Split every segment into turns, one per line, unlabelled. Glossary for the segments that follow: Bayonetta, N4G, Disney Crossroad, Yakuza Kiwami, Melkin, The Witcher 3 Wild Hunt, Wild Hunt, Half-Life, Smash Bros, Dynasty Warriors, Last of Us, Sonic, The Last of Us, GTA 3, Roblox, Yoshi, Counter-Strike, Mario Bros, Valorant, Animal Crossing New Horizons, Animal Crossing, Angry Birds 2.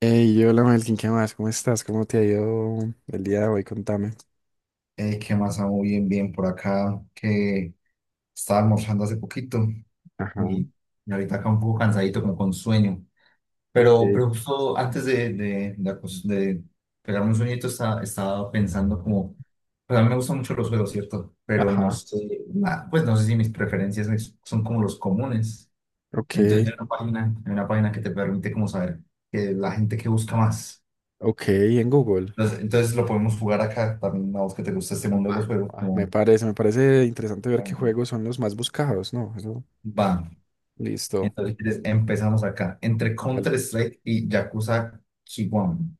Hey, hola Melkin, ¿qué más? ¿Cómo estás? ¿Cómo te ha ido el día de hoy? Contame.
¿Qué más? Ah, muy bien, bien por acá, que estaba almorzando hace poquito
Ajá,
y, y ahorita acá un poco cansadito, como con sueño.
ok.
Pero justo antes de pegarme un sueñito, estaba pensando como, pues a mí me gustan mucho los juegos, ¿cierto? Pero no
Ajá,
sé, pues no sé si mis preferencias son como los comunes.
ok,
Entonces hay una página que te permite como saber que la gente que busca más.
ok, en Google.
Entonces lo podemos jugar acá también, a vos que te gusta este mundo de
Va,
los juegos,
va, Me
como...
parece, me parece interesante ver qué juegos son los más buscados, ¿no? Eso,
Va.
listo,
Entonces empezamos acá, entre
dale.
Counter-Strike y Yakuza Kiwami.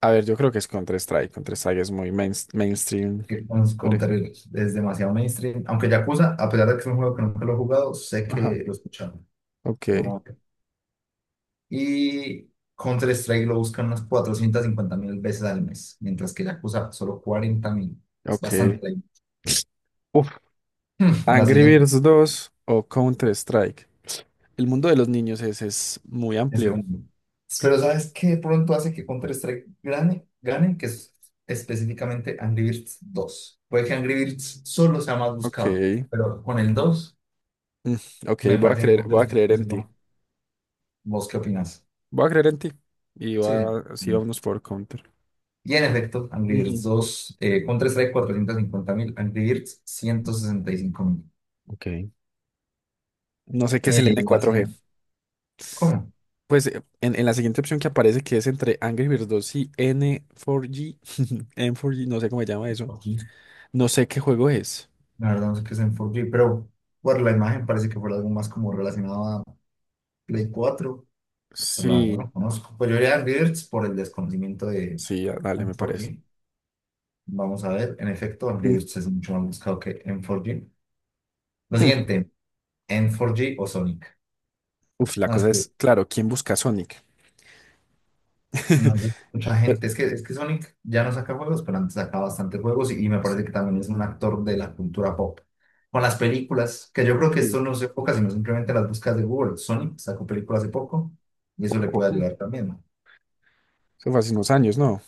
A ver, yo creo que es Counter-Strike. Counter-Strike es muy mainstream. Dale.
Counter es demasiado mainstream, aunque Yakuza, a pesar de que es un juego que nunca lo he jugado, sé que
Ajá,
lo he escuchado,
ok,
¿no? Y Counter-Strike lo buscan unas 450.000 veces al mes, mientras que Yakuza solo 40.000. Es
ok.
bastante.
Uf,
La
Angry
siguiente.
Birds 2 o Counter-Strike. El mundo de los niños es muy
Es
amplio.
grande. Pero ¿sabes qué pronto hace que Counter-Strike gane? Que es específicamente Angry Birds 2. Puede que Angry Birds solo sea más
Ok.
buscado, pero con el 2
Mm. Ok,
me
voy a
parece que
creer, voy a
Counter-Strike
creer
puede
en
ser más.
ti.
¿Vos qué opinas?
Voy a creer en ti. Y
Sí, sí,
va, sí,
sí.
vámonos por counter.
Y en efecto, Angry Birds
Ujú.
2, Counter-Strike 450.000, Angry Birds 165.000.
Ok. No sé qué es el
La
N4G.
siguiente. ¿Cómo?
Pues en la siguiente opción que aparece, que es entre Angry Birds 2 y N4G, N4G, no sé cómo se llama eso.
Por fin.
No sé qué juego es.
La verdad no sé qué es en 4G, pero por la imagen parece que fue algo más como relacionado a Play 4. Claro, no
Sí,
lo conozco. Pues yo iría a Angry Birds por el desconocimiento de
sí, ah, dale, me parece.
N4G. Vamos a ver. En efecto, Angry
Mm,
Birds es mucho más buscado que N4G. Lo
hmm.
siguiente, N4G o Sonic.
Uf, la
No, es
cosa
que
es, claro, ¿quién busca a Sonic?
no sé, mucha
Pero-
gente. Es que Sonic ya no saca juegos, pero antes sacaba bastantes juegos y me
sí,
parece que también es un actor de la cultura pop. Con las películas, que yo creo que
sí,
esto no se enfoca, sino simplemente las búsquedas de Google. Sonic sacó películas hace poco y eso le
poco.
puede ayudar
Mm.
también, ¿no?
Eso fue hace unos años, ¿no?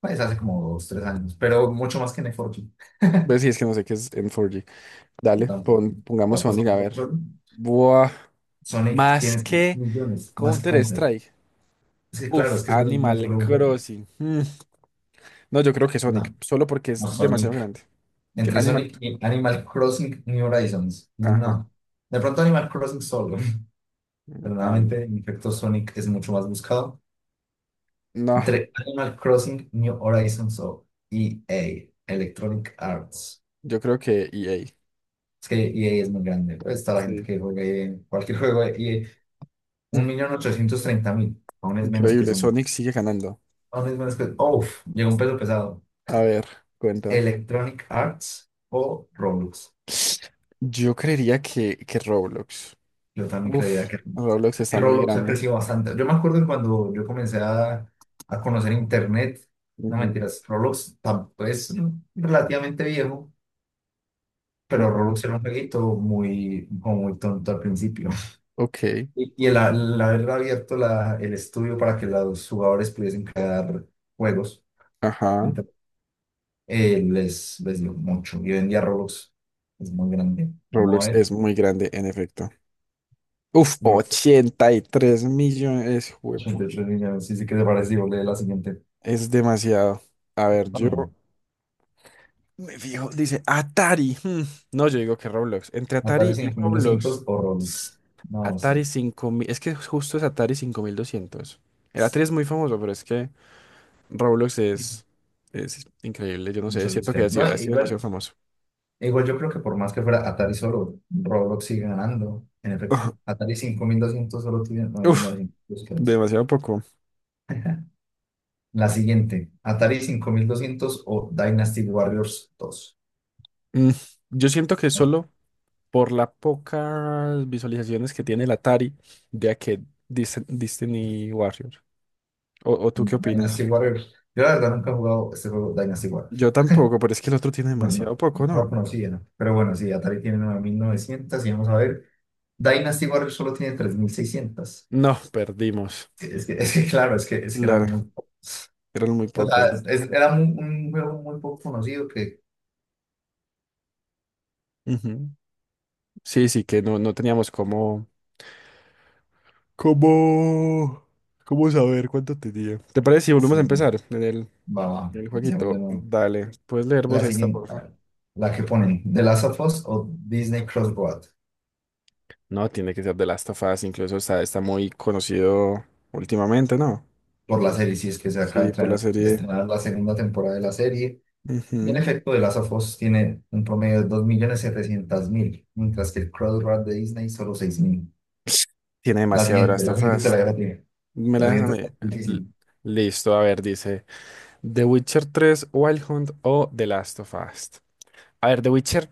Pues hace como dos, tres años, pero mucho más que en N4G.
Pues sí, es que no sé qué es N4G.
Yo
Dale, pongamos
tampoco
Sonic, a
son
ver.
control.
Buah,
Sonic
más
tiene
que
millones más que Counter.
Counter-Strike.
Sí, claro,
Uf,
es que Sonic no es
Animal
solo un juego.
Crossing. Mm. No, yo creo que Sonic,
No,
solo porque
no
es demasiado
Sonic.
grande. Que
Entre
Animal,
Sonic y Animal Crossing New Horizons.
ajá.
No. De pronto Animal Crossing solo. Pero
Ah,
nuevamente, en efecto, Sonic es mucho más buscado.
no,
Entre Animal Crossing, New Horizons o E a Electronic Arts.
yo creo que EA.
Es que E a es muy grande. Pues está la gente
Sí.
que juega EA, cualquier juego de E A.
Mm,
1.830.000. Aún es menos que
Increíble,
Sonic.
Sonic sigue ganando.
Only Smash Cut. Uf, llegó un peso pesado.
A ver, cuéntame.
Electronic Arts o Roblox.
Yo creería que Roblox.
Yo también creía
Uf,
que
Roblox
y
está muy
Roblox ha
grande.
crecido bastante. Yo me acuerdo que cuando yo comencé a conocer Internet, no
Ujú,
mentiras, Roblox tampoco es relativamente viejo, pero
ujú.
Roblox era un jueguito muy, como muy tonto al principio.
Ok,
Y el haber abierto el estudio para que los jugadores pudiesen crear juegos.
ajá.
Les dio mucho. Y hoy en día Roblox es muy grande. Vamos a
Roblox
ver.
es muy grande, en efecto. Uf,
Roblox
83 millones, juepucha,
83 millones. Sí, sí, ¿qué te parece? Digo, lee la siguiente.
es demasiado. A ver,
No,
yo
no, no.
me fijo, dice Atari. No, yo digo que Roblox. Entre
Atari
Atari y
cinco mil
Roblox,
doscientos o Roblox. No, sí.
Atari 5000, es que justo es Atari 5200. El Atari
Es
es muy famoso, pero es que Roblox es increíble, yo no sé,
mucho los
siento
que
que
hay.
ha sido,
No,
ha sido demasiado
igual,
famoso.
igual yo creo que por más que fuera Atari solo, Roblox sigue ganando. En efecto. Atari 5200 solo tiene
Uf,
9900 búsquedas.
demasiado poco.
La siguiente. Atari 5200 o Dynasty Warriors dos,
Mm, Yo siento que
¿no?
solo por las pocas visualizaciones que tiene el Atari de aquel Destiny Warrior. ¿O tú qué
Dynasty
opinas?
Warriors. Yo la verdad nunca he jugado este juego Dynasty Warriors.
Yo tampoco, pero es que el otro tiene
No, no,
demasiado poco,
no lo
¿no?
conocía, no, pero bueno, sí, Atari tiene 9900 y vamos a ver, Dynasty Warriors solo tiene 3600.
No, perdimos.
Sí, es que, es que era muy
Claro,
poco,
eran muy
o sea,
pocas.
era un juego muy poco conocido que...
Ujú. Sí, sí, que no teníamos cómo. ¿Cómo? ¿Cómo saber cuánto tenía? ¿Te parece si volvemos a
Sí, no,
empezar en el,
va, va,
en el
sigamos de
jueguito?
nuevo.
Dale, puedes leer vos
La
esta,
siguiente, a
porfa.
ver, la que ponen, The Last of Us o Disney Crossroad,
No, tiene que ser de Last of Us, incluso está muy conocido últimamente, ¿no?
por la serie, si es que se acaba de
Sí, por la
estrenar de
serie.
estrenar la segunda temporada de la serie. Y en
Ujú.
efecto, The Last of Us tiene un promedio de 2.700.000, mientras que el Crossroad de Disney solo 6000.
Tiene
La
demasiado
siguiente,
Last
la
of
siguiente te la
Us.
dejo a ti.
Me
La
la dejas a
siguiente está
mí. L-
difícil.
Listo, a ver, dice The Witcher 3, Wild Hunt o The Last of Us. A ver, The Witcher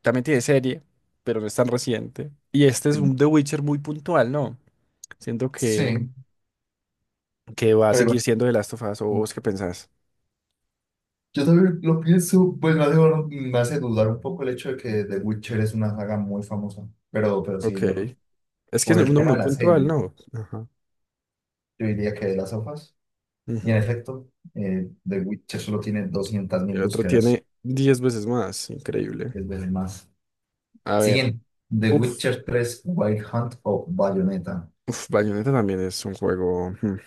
también tiene serie, pero no es tan reciente. Y este
Sí,
es un The Witcher muy puntual, ¿no? Siento que,
sí,
que va a seguir
pero
siendo The Last of Us, ¿o vos qué pensás?
yo también lo pienso, pues me hace dudar un poco el hecho de que The Witcher es una saga muy famosa. Pero
Ok.
sí, yo creo-
Es que es
por el
uno
tema
muy
de la
puntual,
serie,
¿no? Ajá.
yo diría que de las sofás. Y en
Ujú.
efecto, The Witcher solo tiene doscientas
El
mil
otro
búsquedas,
tiene 10 veces más, increíble.
es veces más.
A ver.
Siguiente, The
Uf.
Witcher tres Wild Hunt o Bayonetta,
Uf, Bayonetta también es un juego. Hmm.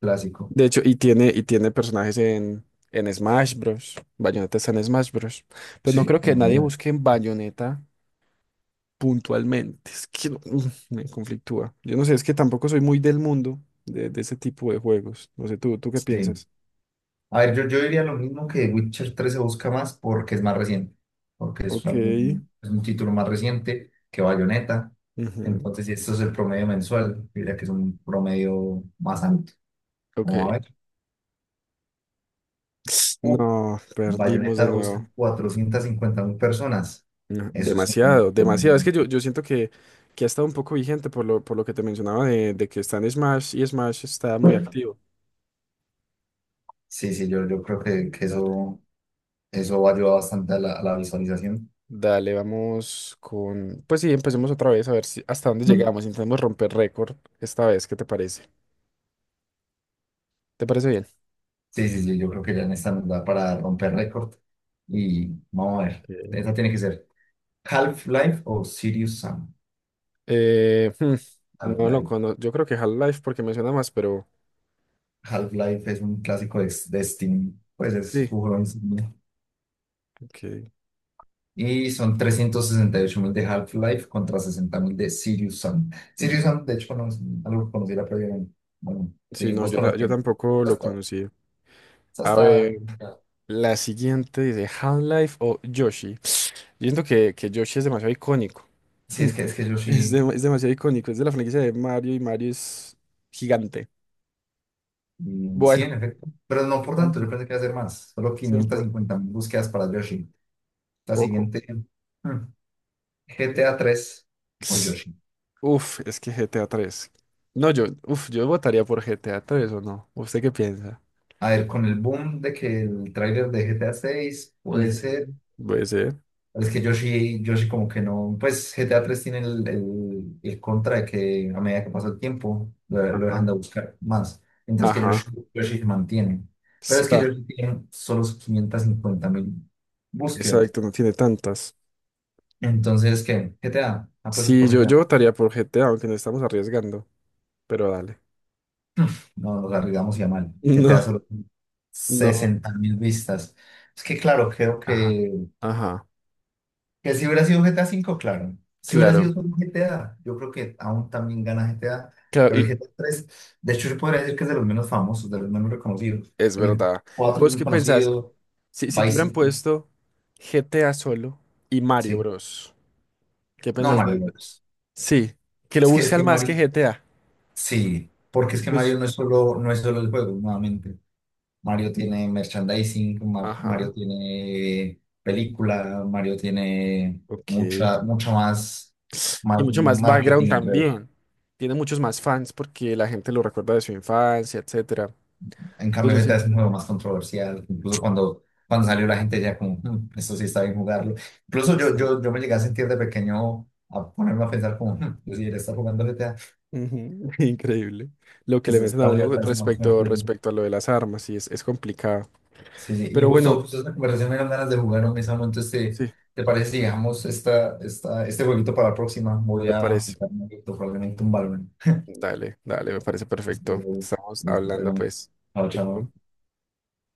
clásico.
De hecho, y tiene personajes en Smash Bros. Bayonetta está en Smash Bros. Pero no creo
Sí,
que
no,
nadie
verdad.
busque en Bayonetta puntualmente. Es que me conflictúa. Yo no sé, es que tampoco soy muy del mundo de ese tipo de juegos. No sé, ¿tú qué
Sí.
piensas?
A ver, yo diría lo mismo, que Witcher tres se busca más porque es más reciente, porque es
Ok.
es un título más reciente que Bayonetta.
Ujú.
Entonces, si esto es el promedio mensual, diría que es un promedio más alto. Vamos a
Ok.
ver. Uh,
No, perdimos
Bayonetta
de
lo
nuevo.
buscan 450 mil personas.
No,
Eso es un
demasiado,
montón de
demasiado. Es que
gente.
yo siento que ha estado un poco vigente por lo que te mencionaba de que está en Smash y Smash está muy activo.
Sí, sí, yo creo que
Dale.
eso ayuda bastante a la visualización.
Dale, vamos con. Pues sí, empecemos otra vez a ver si hasta dónde llegamos. Intentemos romper récord esta vez. ¿Qué te parece? ¿Te parece bien?
Sí, sí, sí, yo creo que ya en esta nos da para romper récord. Y vamos a ver.
Ok.
Esa tiene que ser. Half-Life o Serious Sam.
Eh, hmm, no lo
Half-Life.
conozco. Yo creo que Half-Life porque me suena más, pero
Half-Life es un clásico de Steam, pues es
sí.
su juego insignia.
Ok,
Y son 368.000 de Half-Life contra 60.000 de Serious Sam. Serious
bien.
Sam, de hecho, no es algo que conociera previamente. Bueno,
Sí,
seguís
no,
vos
yo
conociendo.
tampoco
Esa
lo
está,
conocí.
esa
A
está
ver,
complicada.
la siguiente dice Half-Life o Yoshi. Yo siento que Yoshi es demasiado icónico.
Sí, es que, es que yo
Es,
sí,
dem- es demasiado icónico. Es de la franquicia de Mario y Mario es gigante.
y sí,
Bueno,
en efecto. Pero no por tanto,
gigante,
yo pensé que iba a hacer más. Solo quinientas
¿cierto?
cincuenta mil búsquedas para Yoshi. La
Poco.
siguiente, hmm, GTA tres o Yoshi.
Uf, es que GTA 3. No, yo votaría por GTA 3, o no. ¿Usted qué piensa?
A ver, con el boom de que el tráiler de GTA 6 puede ser.
Ujú. Puede ser.
Es que Yoshi, Yoshi como que no. Pues GTA 3 tiene el contra de que a medida que pasa el tiempo lo dejan
Ajá.
de buscar más. Mientras que
Ajá.
Yoshi, Yoshi se mantiene. Pero es que
Será.
Yoshi tiene solo 550 mil búsquedas.
Exacto, no tiene tantas.
Entonces, ¿qué? GTA, apuestas
Sí,
por
yo
GTA.
votaría por GTA, aunque nos estamos arriesgando. Pero dale.
No, nos arriesgamos y a mal. GTA
No,
solo
no.
60 mil vistas. Es que claro, creo
Ajá.
que
Ajá.
Que si hubiera sido GTA V, claro. Si hubiera sido
Claro.
solo GTA, yo creo que aún también gana GTA.
Claro,
Pero el
y
GTA 3, de hecho, yo podría decir que es de los menos famosos, de los menos reconocidos.
es
El
verdad.
cuatro es
¿Vos
muy
qué pensás?
conocido,
Si te
Vice
hubieran
City,
puesto GTA solo y Mario
sí.
Bros. ¿Qué
No,
pensás
Mario
de?
Bros.
Sí, que lo
Es que, es
buscan
que
más que
Mario,
GTA.
sí, porque es que
Incluso.
Mario no es solo el juego, nuevamente. Mario tiene merchandising, Mario
Ajá,
tiene película, Mario tiene
ok.
mucha, mucha más,
Y
más
mucho más background
marketing alrededor.
también. Tiene muchos más fans porque la gente lo recuerda de su infancia, etcétera.
En cambio, Z
Entonces,
es nuevo, más controversial. Incluso cuando salió, la gente ya como, "Mm, esto sí está bien jugarlo".
no sé.
Incluso yo,
Está bien.
yo, yo me llegué a sentir de pequeño a ponerme a pensar como, "Mm, yo sí, él está jugando GTA,
Ujú. Increíble. Lo
que
que le
se
meten a
está
uno
libertad es más
respecto,
mejor".
respecto a lo de las armas, sí, es complicado.
Sí, sí. Y
Pero bueno,
justo, justo esta conversación me dan ganas de jugar un mismo. Entonces, ¿te,
sí,
te parece si dejamos este jueguito para la próxima? Voy
me
a
parece.
jugar un poquito, probablemente un Valorant.
Dale, dale, me parece perfecto. Estamos
Listo,
hablando,
perdón.
pues.
Chao,
Perfecto.
chao.